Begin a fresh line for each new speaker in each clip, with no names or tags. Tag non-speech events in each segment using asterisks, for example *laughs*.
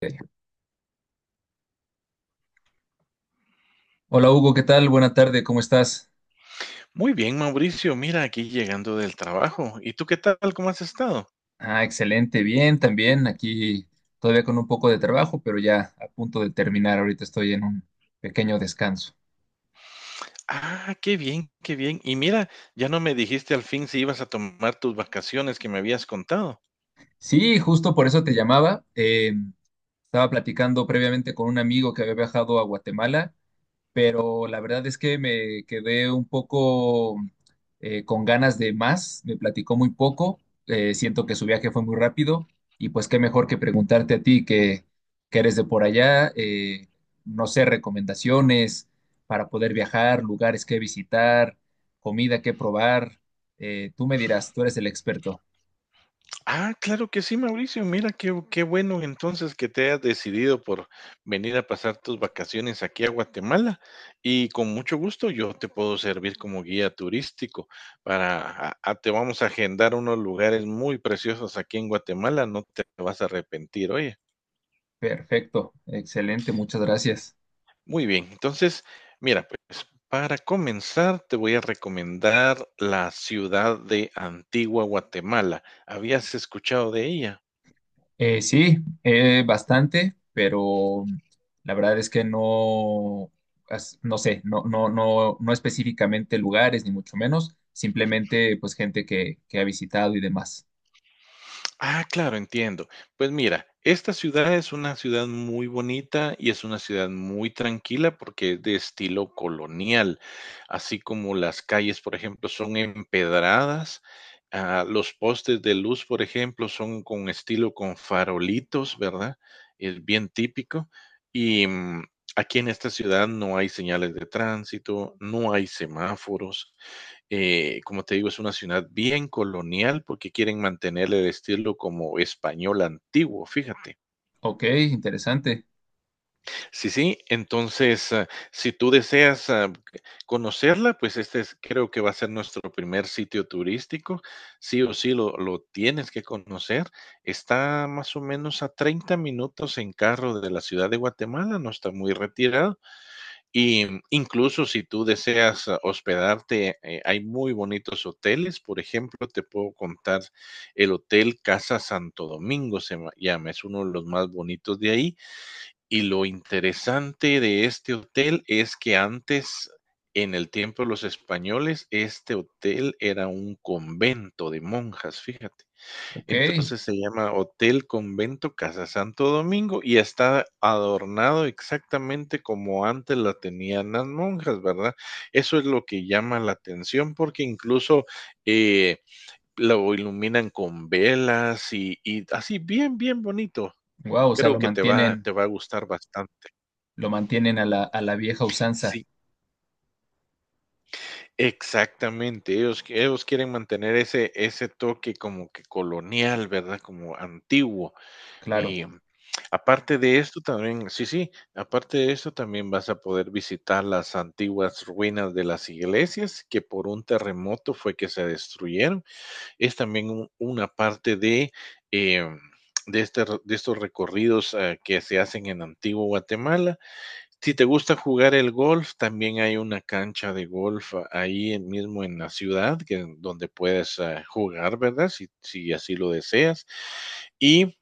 Eh, Hola Hugo, ¿qué tal? Buena tarde, ¿cómo estás?
Muy bien, Mauricio. Mira, aquí llegando del trabajo. ¿Y tú qué tal? ¿Cómo has estado?
Ah, excelente, bien, también aquí todavía con un poco de trabajo, pero ya a punto de terminar, ahorita estoy en un pequeño descanso.
Ah, qué bien, qué bien. Y mira, ya no me dijiste al fin si ibas a tomar tus vacaciones que me habías contado.
Sí, justo por eso te llamaba. Estaba platicando previamente con un amigo que había viajado a Guatemala, pero la verdad es que me quedé un poco con ganas de más, me platicó muy poco, siento que su viaje fue muy rápido y pues qué mejor que preguntarte a ti que eres de por allá, no sé, recomendaciones para poder viajar, lugares que visitar, comida que probar, tú me dirás, tú eres el experto.
Ah, claro que sí, Mauricio. Mira, qué bueno entonces que te has decidido por venir a pasar tus vacaciones aquí a Guatemala. Y con mucho gusto yo te puedo servir como guía turístico para, te vamos a agendar unos lugares muy preciosos aquí en Guatemala. No te vas a arrepentir, oye.
Perfecto, excelente, muchas gracias.
Muy bien, entonces, mira, pues para comenzar te voy a recomendar la ciudad de Antigua Guatemala. ¿Habías escuchado de ella?
Sí, bastante, pero la verdad es que no, no sé, no específicamente lugares, ni mucho menos, simplemente pues que ha visitado y demás.
Ah, claro, entiendo. Pues mira, esta ciudad es una ciudad muy bonita y es una ciudad muy tranquila porque es de estilo colonial, así como las calles, por ejemplo, son empedradas. Ah, los postes de luz, por ejemplo, son con estilo con farolitos, ¿verdad? Es bien típico. Y aquí en esta ciudad no hay señales de tránsito, no hay semáforos. Como te digo, es una ciudad bien colonial porque quieren mantener el estilo como español antiguo, fíjate.
Ok, interesante.
Sí, sí, entonces, si tú deseas conocerla, pues este es, creo que va a ser nuestro primer sitio turístico. Sí o sí lo tienes que conocer. Está más o menos a 30 minutos en carro de la ciudad de Guatemala, no está muy retirado. Y incluso si tú deseas hospedarte, hay muy bonitos hoteles. Por ejemplo, te puedo contar el Hotel Casa Santo Domingo, llama, es uno de los más bonitos de ahí. Y lo interesante de este hotel es que antes, en el tiempo de los españoles, este hotel era un convento de monjas, fíjate.
Ok,
Entonces se llama Hotel Convento Casa Santo Domingo y está adornado exactamente como antes la tenían las monjas, ¿verdad? Eso es lo que llama la atención porque incluso eh, lo iluminan con velas y así bien, bien bonito.
wow, o sea,
Creo
lo
que te va,
mantienen,
te va a gustar bastante.
a la vieja usanza,
Sí, exactamente. Ellos quieren mantener ese toque como que colonial, ¿verdad? Como antiguo.
claro.
Y aparte de esto también, sí, sí, aparte de esto también vas a poder visitar las antiguas ruinas de las iglesias que por un terremoto fue que se destruyeron. Es también una parte eh, de estos recorridos que se hacen en Antiguo Guatemala. Si te gusta jugar el golf, también hay una cancha de golf ahí mismo en la ciudad que, donde puedes jugar, ¿verdad? Si así lo deseas. Y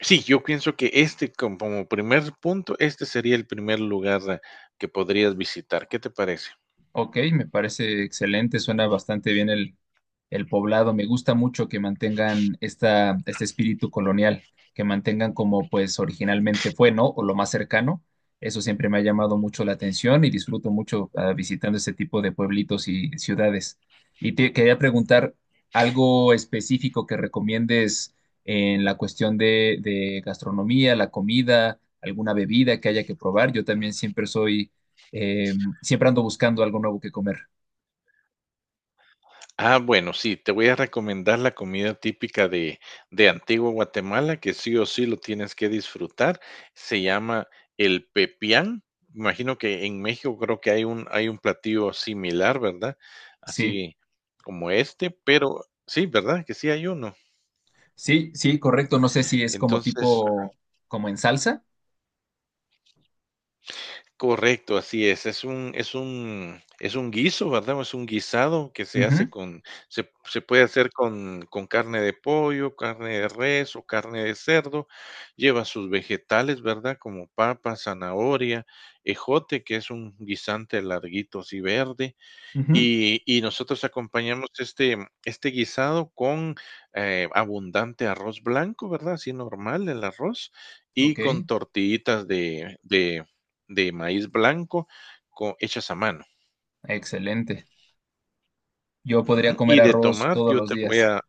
sí, yo pienso que este, como primer punto, este sería el primer lugar que podrías visitar, ¿qué te parece?
Ok, me parece excelente, suena bastante bien el poblado. Me gusta mucho que mantengan esta, este espíritu colonial, que mantengan como pues originalmente fue, ¿no? O lo más cercano. Eso siempre me ha llamado mucho la atención y disfruto mucho ah, visitando este tipo de pueblitos y ciudades. Y te quería preguntar algo específico que recomiendes en la cuestión de gastronomía, la comida, alguna bebida que haya que probar. Yo también
Ujú.
siempre soy, eh, siempre ando buscando algo nuevo que comer.
Ah, bueno, sí, te voy a recomendar la comida típica de Antigua Guatemala, que sí o sí lo tienes que disfrutar, se llama el pepián. Imagino que en México creo que hay un platillo similar, ¿verdad?
Sí.
Así como este, pero sí, ¿verdad? Que sí hay uno.
Sí, sí, correcto. No sé si es como
Entonces.
tipo, como en salsa.
Correcto, así es. Es un guiso, ¿verdad? Es un guisado que se
Ujú,
hace con, se puede hacer con carne de pollo, carne de res o carne de cerdo. Lleva sus vegetales, ¿verdad? Como papa, zanahoria, ejote, que es un guisante larguito así verde,
ujú.
y nosotros acompañamos este guisado con, abundante arroz blanco, ¿verdad? Así normal el arroz, y
Ok,
con tortillitas de maíz blanco co hechas a mano.
excelente. Yo podría
Ujú.
comer
Y de
arroz
tomar,
todos
yo
los
te voy
días.
a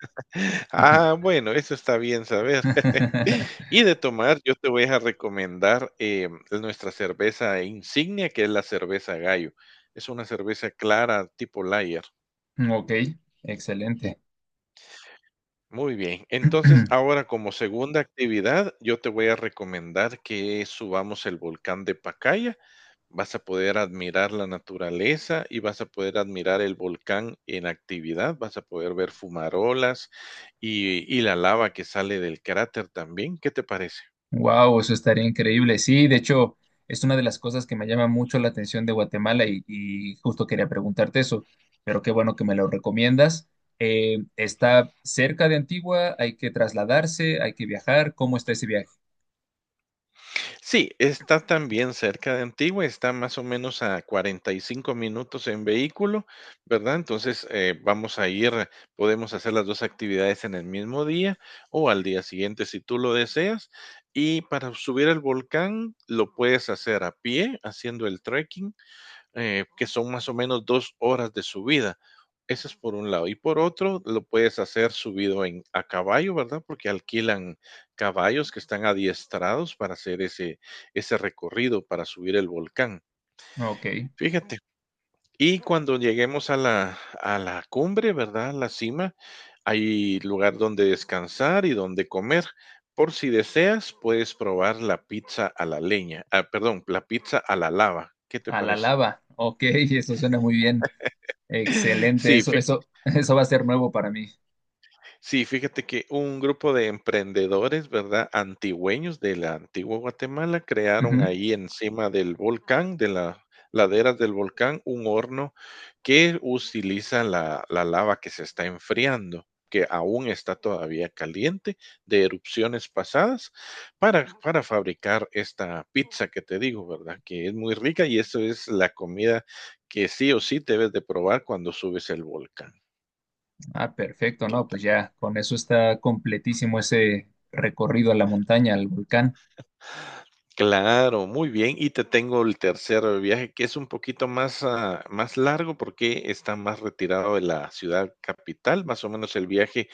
*laughs* bueno, eso está bien saber. *laughs*
*laughs*
Y de tomar, yo te voy a recomendar, nuestra cerveza insignia, que es la cerveza Gallo. Es una cerveza clara tipo lager.
Ok, excelente.
Muy bien. Entonces,
*clears throat*
ahora como segunda actividad, yo te voy a recomendar que subamos el volcán de Pacaya. Vas a poder admirar la naturaleza y vas a poder admirar el volcán en actividad. Vas a poder ver fumarolas y la lava que sale del cráter también. ¿Qué te parece?
Wow, eso estaría increíble. Sí, de hecho, es una de las cosas que me llama mucho la atención de Guatemala y justo quería preguntarte eso, pero qué bueno que me lo recomiendas. ¿Está cerca de Antigua? ¿Hay que trasladarse? ¿Hay que viajar? ¿Cómo está ese viaje?
Sí, está también cerca de Antigua, está más o menos a 45 minutos en vehículo, ¿verdad? Entonces, vamos a ir, podemos hacer las dos actividades en el mismo día o al día siguiente si tú lo deseas. Y para subir al volcán lo puedes hacer a pie, haciendo el trekking, que son más o menos 2 horas de subida. Eso es por un lado. Y por otro, lo puedes hacer subido en, a caballo, ¿verdad? Porque alquilan caballos que están adiestrados para hacer ese recorrido, para subir el volcán.
Ok.
Fíjate. Y cuando lleguemos a la cumbre, ¿verdad? A la cima, hay lugar donde descansar y donde comer. Por si deseas, puedes probar la pizza a la leña. Ah, perdón, la pizza a la lava. ¿Qué te
A la
parece?
lava. Ok, *laughs* eso suena muy bien.
*laughs*
Excelente.
Sí,
Eso,
fíjate.
eso, *laughs* eso va a ser nuevo para mí.
Sí, fíjate que un grupo de emprendedores, ¿verdad? Antigüeños de la antigua Guatemala crearon
Ujú.
ahí encima del volcán, de las laderas del volcán, un horno que utiliza la lava que se está enfriando, que aún está todavía caliente de erupciones pasadas, para fabricar esta pizza que te digo, ¿verdad? Que es muy rica y eso es la comida que sí o sí debes de probar cuando subes el volcán.
Ah, perfecto, ¿no? Pues ya, con eso está completísimo ese recorrido a la montaña, al volcán.
Claro, muy bien. Y te tengo el tercer viaje, que es un poquito más largo porque está más retirado de la ciudad capital. Más o menos el viaje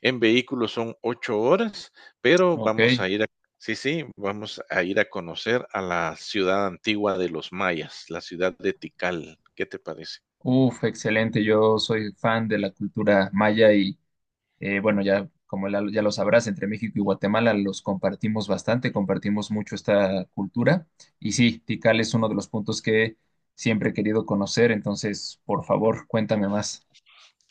en vehículo son 8 horas, pero
Ok.
vamos a ir a, sí, sí, vamos a ir a conocer a la ciudad antigua de los mayas, la ciudad de Tikal. ¿Qué te parece?
Uf, excelente. Yo soy fan de la cultura maya y bueno, ya como ya lo sabrás, entre México y Guatemala los compartimos bastante, compartimos mucho esta cultura. Y sí, Tikal es uno de los puntos que siempre he querido conocer, entonces, por favor, cuéntame más.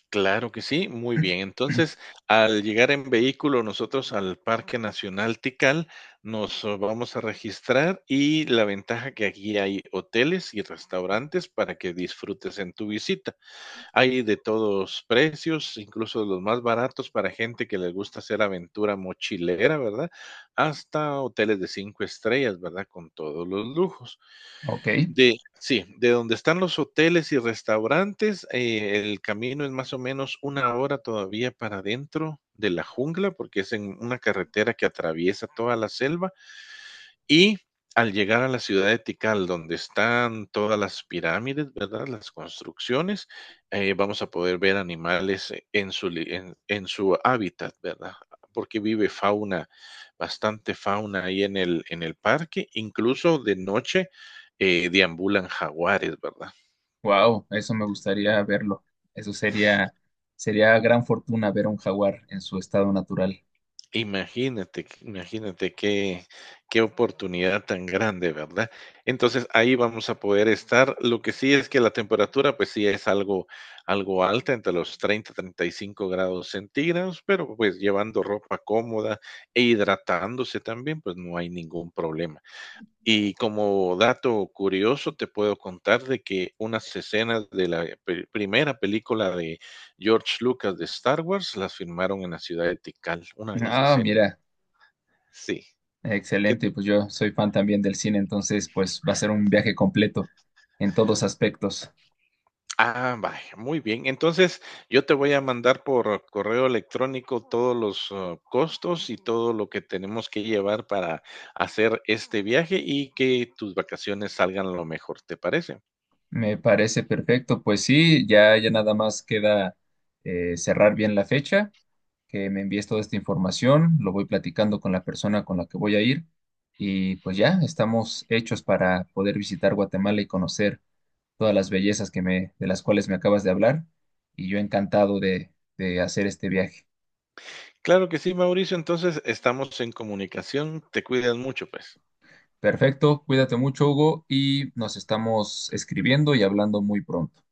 Claro que sí, muy bien. Entonces, al llegar en vehículo nosotros al Parque Nacional Tikal, nos vamos a registrar y la ventaja que aquí hay hoteles y restaurantes para que disfrutes en tu visita. Hay de todos precios, incluso los más baratos para gente que les gusta hacer aventura mochilera, ¿verdad? Hasta hoteles de 5 estrellas, ¿verdad? Con todos los lujos.
Ok,
De sí, de donde están los hoteles y restaurantes, el camino es más o menos 1 hora todavía para adentro de la jungla, porque es en una carretera que atraviesa toda la selva, y al llegar a la ciudad de Tikal, donde están todas las pirámides, ¿verdad? Las construcciones, vamos a poder ver animales en su hábitat, ¿verdad? Porque vive fauna, bastante fauna ahí en el parque, incluso de noche deambulan jaguares, ¿verdad?
wow, eso me gustaría verlo. Eso sería, sería gran fortuna ver un jaguar en su estado natural.
Imagínate, imagínate qué oportunidad tan grande, ¿verdad? Entonces ahí vamos a poder estar. Lo que sí es que la temperatura, pues sí es algo alta, entre los 30 y 35 grados centígrados, pero pues llevando ropa cómoda e hidratándose también, pues no hay ningún problema. Y como dato curioso, te puedo contar de que unas escenas de la primera película de George Lucas de Star Wars las filmaron en la ciudad de Tikal, una de las
Ah,
escenas.
mira,
Sí. ¿Qué?
excelente. Pues yo soy fan también del cine, entonces pues va a ser un viaje completo en todos aspectos.
Ah, vaya, muy bien. Entonces, yo te voy a mandar por correo electrónico todos los costos y todo lo que tenemos que llevar para hacer este viaje y que tus vacaciones salgan lo mejor, ¿te parece?
Me parece perfecto. Pues sí, ya nada más queda cerrar bien la fecha, que me envíes toda esta información, lo voy platicando con la persona con la que voy a ir y pues ya estamos hechos para poder visitar Guatemala y conocer todas las bellezas de las cuales me acabas de hablar y yo encantado de hacer este viaje.
Claro que sí, Mauricio. Entonces, estamos en comunicación. Te cuidas mucho, pues.
Perfecto, cuídate mucho, Hugo, y nos estamos escribiendo y hablando muy pronto.